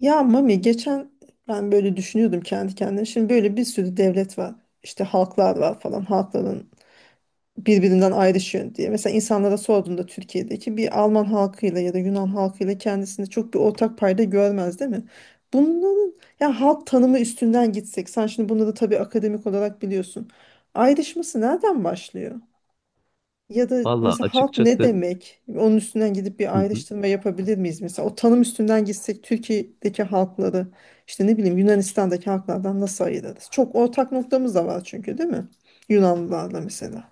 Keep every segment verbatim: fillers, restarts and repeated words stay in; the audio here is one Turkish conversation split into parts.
Ya Mami geçen ben böyle düşünüyordum kendi kendime. Şimdi böyle bir sürü devlet var. İşte halklar var falan. Halkların birbirinden ayrışıyor diye. Mesela insanlara sorduğunda Türkiye'deki bir Alman halkıyla ya da Yunan halkıyla kendisinde çok bir ortak payda görmez değil mi? Bunların ya halk tanımı üstünden gitsek. Sen şimdi bunları tabii akademik olarak biliyorsun. Ayrışması nereden başlıyor? Ya da Valla mesela halk ne açıkçası demek? Onun üstünden gidip bir hı hı, ayrıştırma yapabilir miyiz? Mesela o tanım üstünden gitsek Türkiye'deki halkları işte ne bileyim Yunanistan'daki halklardan nasıl ayırırız? Çok ortak noktamız da var çünkü değil mi? Yunanlılarla mesela.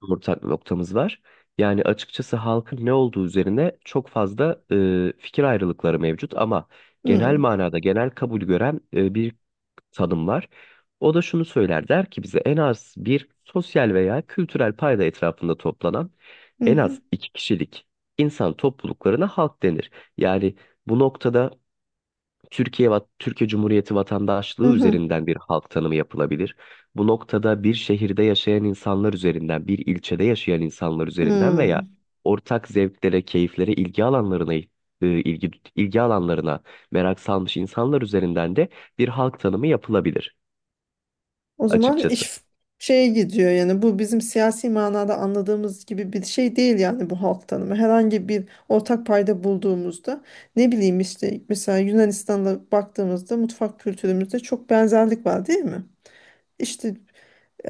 ortak noktamız var. Yani açıkçası halkın ne olduğu üzerine çok fazla e, fikir ayrılıkları mevcut ama genel Hmm. manada genel kabul gören e, bir tanım var. O da şunu söyler, der ki bize en az bir sosyal veya kültürel payda etrafında toplanan Hı en hı. az iki kişilik insan topluluklarına halk denir. Yani bu noktada Türkiye, va- Türkiye Cumhuriyeti Hı vatandaşlığı hı. üzerinden bir halk tanımı yapılabilir. Bu noktada bir şehirde yaşayan insanlar üzerinden, bir ilçede yaşayan insanlar üzerinden veya Hmm. ortak zevklere, keyiflere, ilgi alanlarına e, ilgi ilgi alanlarına merak salmış insanlar üzerinden de bir halk tanımı yapılabilir O zaman açıkçası. iş şeye gidiyor yani bu bizim siyasi manada anladığımız gibi bir şey değil yani bu halk tanımı. Herhangi bir ortak payda bulduğumuzda ne bileyim işte mesela Yunanistan'la baktığımızda mutfak kültürümüzde çok benzerlik var değil mi? İşte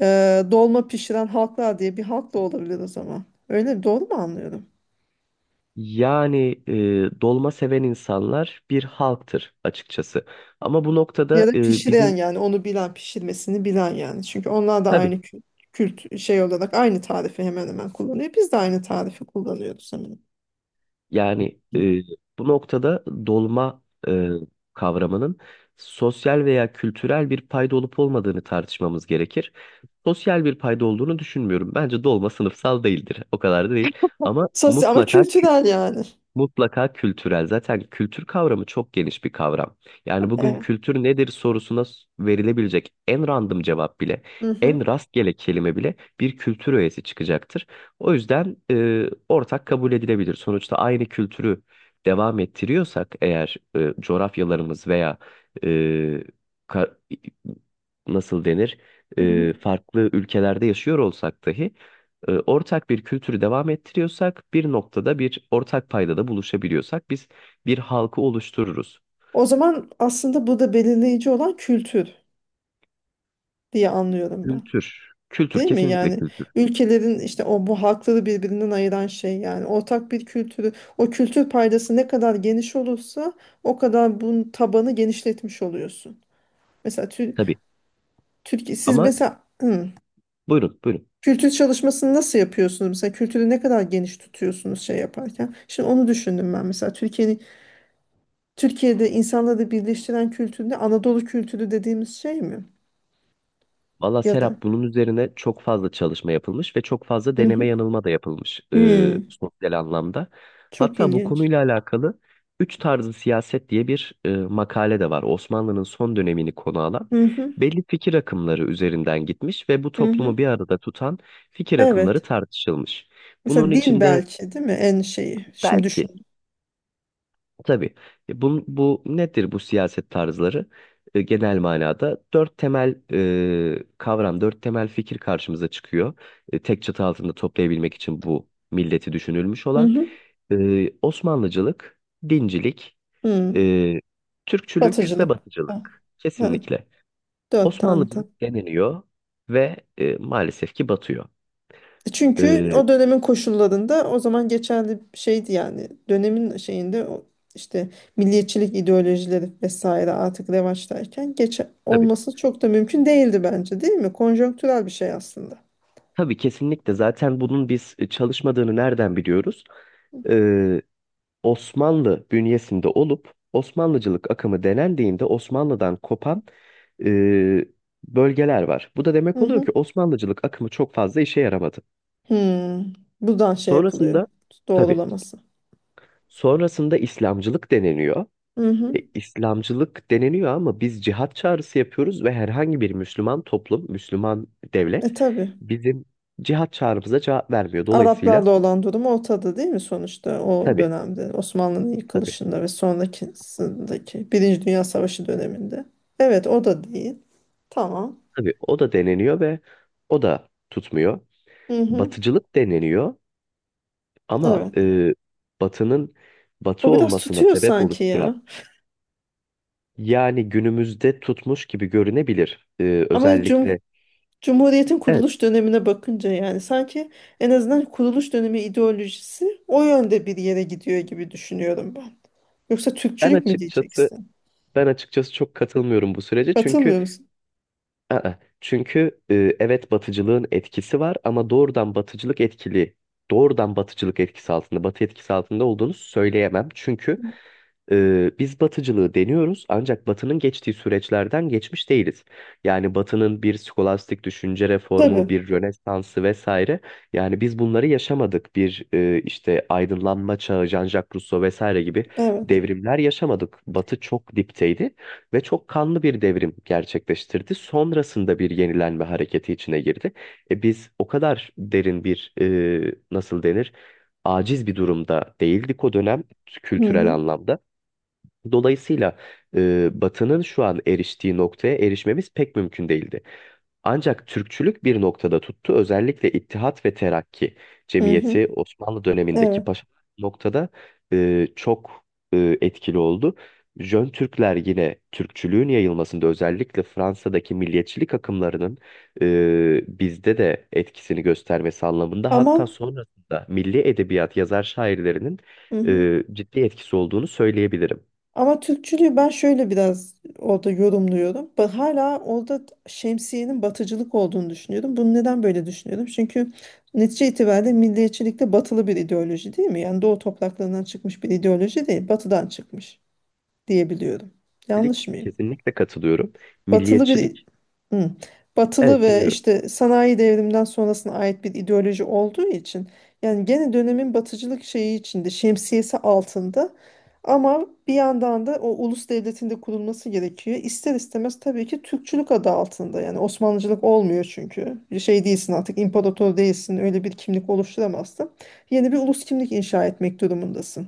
e, dolma pişiren halklar diye bir halk da olabilir o zaman. Öyle mi? Doğru mu anlıyorum? Yani e, dolma seven insanlar bir halktır açıkçası. Ama bu Ya noktada da e, pişiren bizim yani onu bilen pişirmesini bilen yani. Çünkü onlar da tabii. aynı kült kült şey olarak aynı tarifi hemen hemen kullanıyor. Biz de aynı tarifi kullanıyoruz hemen. Yani e, bu noktada dolma e, kavramının sosyal veya kültürel bir payda olup olmadığını tartışmamız gerekir. Sosyal bir payda olduğunu düşünmüyorum. Bence dolma sınıfsal değildir. O kadar da değil. Ama Sosyal ama mutlaka. kültürel yani. Mutlaka kültürel. Zaten kültür kavramı çok geniş bir kavram. Yani bugün Evet. kültür nedir sorusuna s- verilebilecek en random cevap bile, Hı hı. en rastgele kelime bile bir kültür öğesi çıkacaktır. O yüzden e, ortak kabul edilebilir. Sonuçta aynı kültürü devam ettiriyorsak eğer e, coğrafyalarımız veya e, ka- nasıl denir, Hı hı. e, farklı ülkelerde yaşıyor olsak dahi e, ortak bir kültürü devam ettiriyorsak, bir noktada bir ortak paydada buluşabiliyorsak biz bir halkı oluştururuz. O zaman aslında burada belirleyici olan kültür diye anlıyorum ben. Kültür. Kültür, Değil mi kesinlikle yani kültür. ülkelerin işte o bu halkları birbirinden ayıran şey yani ortak bir kültürü, o kültür paydası ne kadar geniş olursa o kadar bunun tabanı genişletmiş oluyorsun. Mesela Tür Tabii. Türkiye siz Ama mesela hı, buyurun, buyurun. kültür çalışmasını nasıl yapıyorsunuz? Mesela kültürü ne kadar geniş tutuyorsunuz şey yaparken? Şimdi onu düşündüm ben mesela Türkiye'nin Türkiye'de insanları birleştiren kültür ne? Anadolu kültürü dediğimiz şey mi? Valla Ya da Serap, bunun üzerine çok fazla çalışma yapılmış ve çok fazla hı deneme hı. yanılma da yapılmış, e, Hmm, sosyal anlamda. Çok Hatta bu ilginç. konuyla alakalı Üç Tarzı Siyaset diye bir e, makale de var. Osmanlı'nın son dönemini konu alan Hı hı, belli fikir akımları üzerinden gitmiş ve bu hı hı. toplumu bir arada tutan fikir akımları Evet. tartışılmış. Bunun Mesela din içinde belki değil mi en şeyi? Şimdi belki. düşün. Tabii. E, Bu, bu nedir, bu siyaset tarzları? E, genel manada dört temel e, kavram, dört temel fikir karşımıza çıkıyor. E, tek çatı altında toplayabilmek için bu milleti düşünülmüş Hı olan hı. e, Osmanlıcılık, dincilik, Hı. e, Türkçülük ve Batıcılık. Ha. Batıcılık. Ha, Kesinlikle. dört tane. Tam. Osmanlıcılık deniliyor ve e, maalesef ki batıyor. Çünkü E, o dönemin koşullarında o zaman geçerli bir şeydi yani. Dönemin şeyinde o işte milliyetçilik ideolojileri vesaire artık revaçtayken geç tabii. olması çok da mümkün değildi bence değil mi? Konjonktürel bir şey aslında. Tabii, kesinlikle. Zaten bunun biz e, çalışmadığını nereden biliyoruz? Ee, Osmanlı bünyesinde olup Osmanlıcılık akımı denendiğinde Osmanlı'dan kopan e, bölgeler var. Bu da demek Hı oluyor hı. ki Osmanlıcılık akımı çok fazla işe yaramadı. Hı. Buradan şey yapılıyor. Sonrasında, tabii, Doğrulaması. sonrasında İslamcılık deneniyor. Hı E, hı. İslamcılık deneniyor ama biz cihat çağrısı yapıyoruz ve herhangi bir Müslüman toplum, Müslüman devlet E tabii. bizim cihat çağrımıza cevap vermiyor. Dolayısıyla Araplarla olan durum ortada değil mi sonuçta o tabii, dönemde Osmanlı'nın tabii, yıkılışında ve sonrakisindeki Birinci Dünya Savaşı döneminde. Evet o da değil. Tamam. tabii o da deneniyor ve o da tutmuyor. Hı hı, Batıcılık deneniyor. Ama evet. e, Batı'nın Batı O biraz olmasına tutuyor sebep sanki oluşturan, ya. yani günümüzde tutmuş gibi görünebilir, e, Ama cum özellikle. Cumhuriyet'in Evet, kuruluş dönemine bakınca yani sanki en azından kuruluş dönemi ideolojisi o yönde bir yere gidiyor gibi düşünüyorum ben. Yoksa ben Türkçülük mü açıkçası diyeceksin? ben açıkçası çok katılmıyorum bu sürece çünkü Katılmıyor musun? aa, çünkü e, evet, Batıcılığın etkisi var ama doğrudan Batıcılık etkili doğrudan Batıcılık etkisi altında, Batı etkisi altında olduğunu söyleyemem çünkü Ee, biz batıcılığı deniyoruz ancak batının geçtiği süreçlerden geçmiş değiliz. Yani batının bir skolastik düşünce reformu, Tabii. bir rönesansı vesaire. Yani biz bunları yaşamadık. Bir e, işte aydınlanma çağı, Jean-Jacques Rousseau vesaire gibi Evet. devrimler yaşamadık. Batı çok dipteydi ve çok kanlı bir devrim gerçekleştirdi. Sonrasında bir yenilenme hareketi içine girdi. E, biz o kadar derin bir, e, nasıl denir, aciz bir durumda değildik o dönem, Hı kültürel hı. anlamda. Dolayısıyla e, Batı'nın şu an eriştiği noktaya erişmemiz pek mümkün değildi. Ancak Türkçülük bir noktada tuttu. Özellikle İttihat ve Terakki Hı hı. Cemiyeti Osmanlı dönemindeki Evet. paşa noktada e, çok e, etkili oldu. Jön Türkler yine Türkçülüğün yayılmasında, özellikle Fransa'daki milliyetçilik akımlarının e, bizde de etkisini göstermesi anlamında, Ama hatta sonrasında milli edebiyat yazar şairlerinin hı hı. e, ciddi etkisi olduğunu söyleyebilirim. Ama Türkçülüğü ben şöyle biraz orada yorumluyorum. Ben hala orada şemsiyenin batıcılık olduğunu düşünüyorum. Bunu neden böyle düşünüyorum? Çünkü netice itibariyle milliyetçilik de batılı bir ideoloji değil mi? Yani doğu topraklarından çıkmış bir ideoloji değil, batıdan çıkmış diyebiliyorum. Milliyetçilik, Yanlış mıyım? kesinlikle katılıyorum. Batılı bir. Milliyetçilik, Hı. Batılı evet, ve dinliyorum. işte sanayi devriminden sonrasına ait bir ideoloji olduğu için yani gene dönemin batıcılık şeyi içinde, şemsiyesi altında, ama bir yandan da o ulus devletinde kurulması gerekiyor. İster istemez tabii ki Türkçülük adı altında, yani Osmanlıcılık olmuyor çünkü bir şey değilsin, artık imparator değilsin, öyle bir kimlik oluşturamazsın. Yeni bir ulus kimlik inşa etmek durumundasın.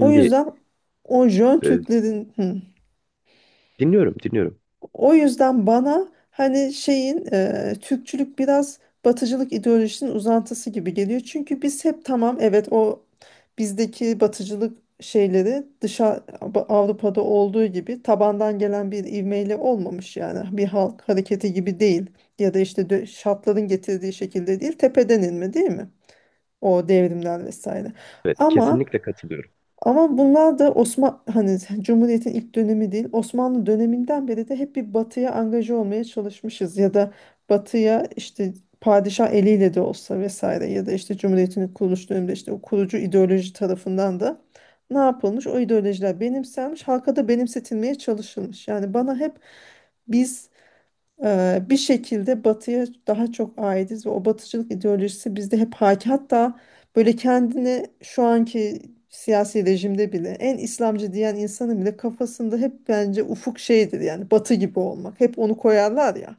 O yüzden o Jön e, Türklerin hı. dinliyorum, dinliyorum. O yüzden bana hani şeyin e, Türkçülük biraz batıcılık ideolojisinin uzantısı gibi geliyor. Çünkü biz hep tamam evet o bizdeki batıcılık şeyleri dışa, Avrupa'da olduğu gibi tabandan gelen bir ivmeyle olmamış yani bir halk hareketi gibi değil, ya da işte dö- şartların getirdiği şekilde değil, tepeden inme değil mi? O devrimler vesaire. Evet, Ama kesinlikle katılıyorum. ama bunlar da Osman hani Cumhuriyet'in ilk dönemi değil. Osmanlı döneminden beri de hep bir batıya angaje olmaya çalışmışız ya da batıya işte padişah eliyle de olsa vesaire, ya da işte Cumhuriyet'in kuruluş döneminde işte o kurucu ideoloji tarafından da ne yapılmış? O ideolojiler benimsenmiş, halka da benimsetilmeye çalışılmış. Yani bana hep biz Eee, bir şekilde batıya daha çok aitiz ve o batıcılık ideolojisi bizde hep hakim. Hatta böyle kendini şu anki siyasi rejimde bile en İslamcı diyen insanın bile kafasında hep bence ufuk şeydir yani batı gibi olmak. Hep onu koyarlar ya,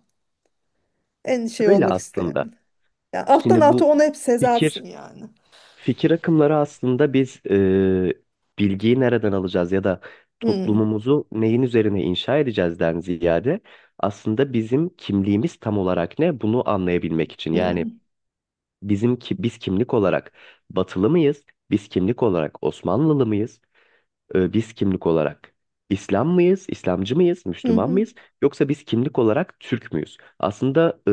en şey Şöyle olmak isteyen aslında, bile. Yani alttan şimdi alta bu onu hep fikir sezersin yani. fikir akımları aslında, biz e, bilgiyi nereden alacağız ya da Hı, toplumumuzu neyin üzerine inşa edeceğizden ziyade, aslında bizim kimliğimiz tam olarak ne, bunu anlayabilmek için. Yani hı, bizim ki biz kimlik olarak Batılı mıyız? Biz kimlik olarak Osmanlılı mıyız? E, biz kimlik olarak İslam mıyız, İslamcı mıyız, hı, Müslüman hı, mıyız yoksa biz kimlik olarak Türk müyüz? Aslında e,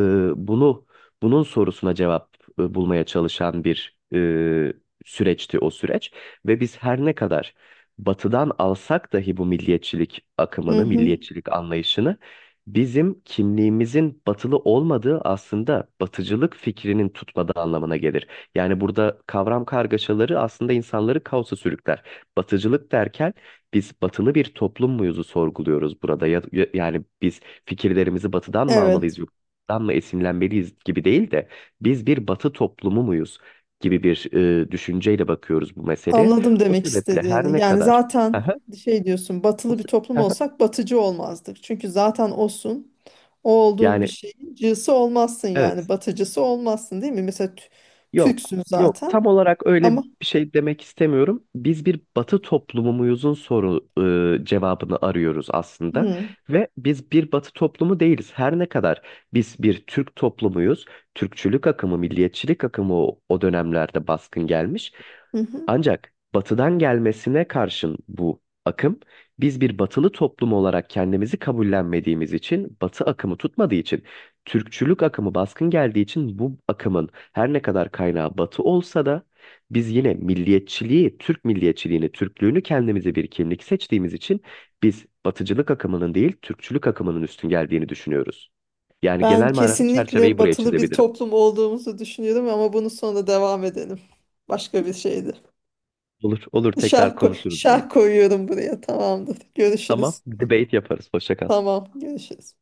bunu bunun sorusuna cevap e, bulmaya çalışan bir e, süreçti o süreç. Ve biz her ne kadar Batı'dan alsak dahi bu milliyetçilik hı, akımını, hı. milliyetçilik anlayışını, bizim kimliğimizin batılı olmadığı, aslında batıcılık fikrinin tutmadığı anlamına gelir. Yani burada kavram kargaşaları aslında insanları kaosa sürükler. Batıcılık derken biz batılı bir toplum muyuzu sorguluyoruz burada. Ya, ya- yani biz fikirlerimizi batıdan mı almalıyız, Evet, yurttan mı esinlenmeliyiz gibi değil de biz bir batı toplumu muyuz gibi bir e, düşünceyle bakıyoruz bu meseleye. anladım O demek sebeple her istediğini. ne Yani kadar zaten Aha, şey diyorsun, o batılı bir se- toplum olsak batıcı olmazdık. Çünkü zaten olsun. O olduğun bir yani şeyin cısı olmazsın evet. yani batıcısı olmazsın değil mi? Mesela Tü- Yok, Türksün yok. zaten Tam olarak öyle ama bir şey demek istemiyorum. Biz bir Batı toplumu muyuzun soru e, cevabını arıyoruz aslında hı, ve biz bir Batı toplumu değiliz. Her ne kadar biz bir Türk toplumuyuz, Türkçülük akımı, milliyetçilik akımı o, o dönemlerde baskın gelmiş, hı hı. ancak batıdan gelmesine karşın bu akım, biz bir batılı toplum olarak kendimizi kabullenmediğimiz için, batı akımı tutmadığı için, Türkçülük akımı baskın geldiği için, bu akımın her ne kadar kaynağı batı olsa da biz yine milliyetçiliği, Türk milliyetçiliğini, Türklüğünü kendimize bir kimlik seçtiğimiz için biz batıcılık akımının değil, Türkçülük akımının üstün geldiğini düşünüyoruz. Yani Ben genel manada kesinlikle çerçeveyi buraya batılı bir çizebilirim. toplum olduğumuzu düşünüyorum ama bunu sonra devam edelim. Başka bir şeydi. Olur, olur, tekrar Şarkı konuşuruz bunu. şarkı koyuyorum buraya, tamamdır. Tamam, Görüşürüz. debate yaparız. Hoşça kal. Tamam, görüşürüz.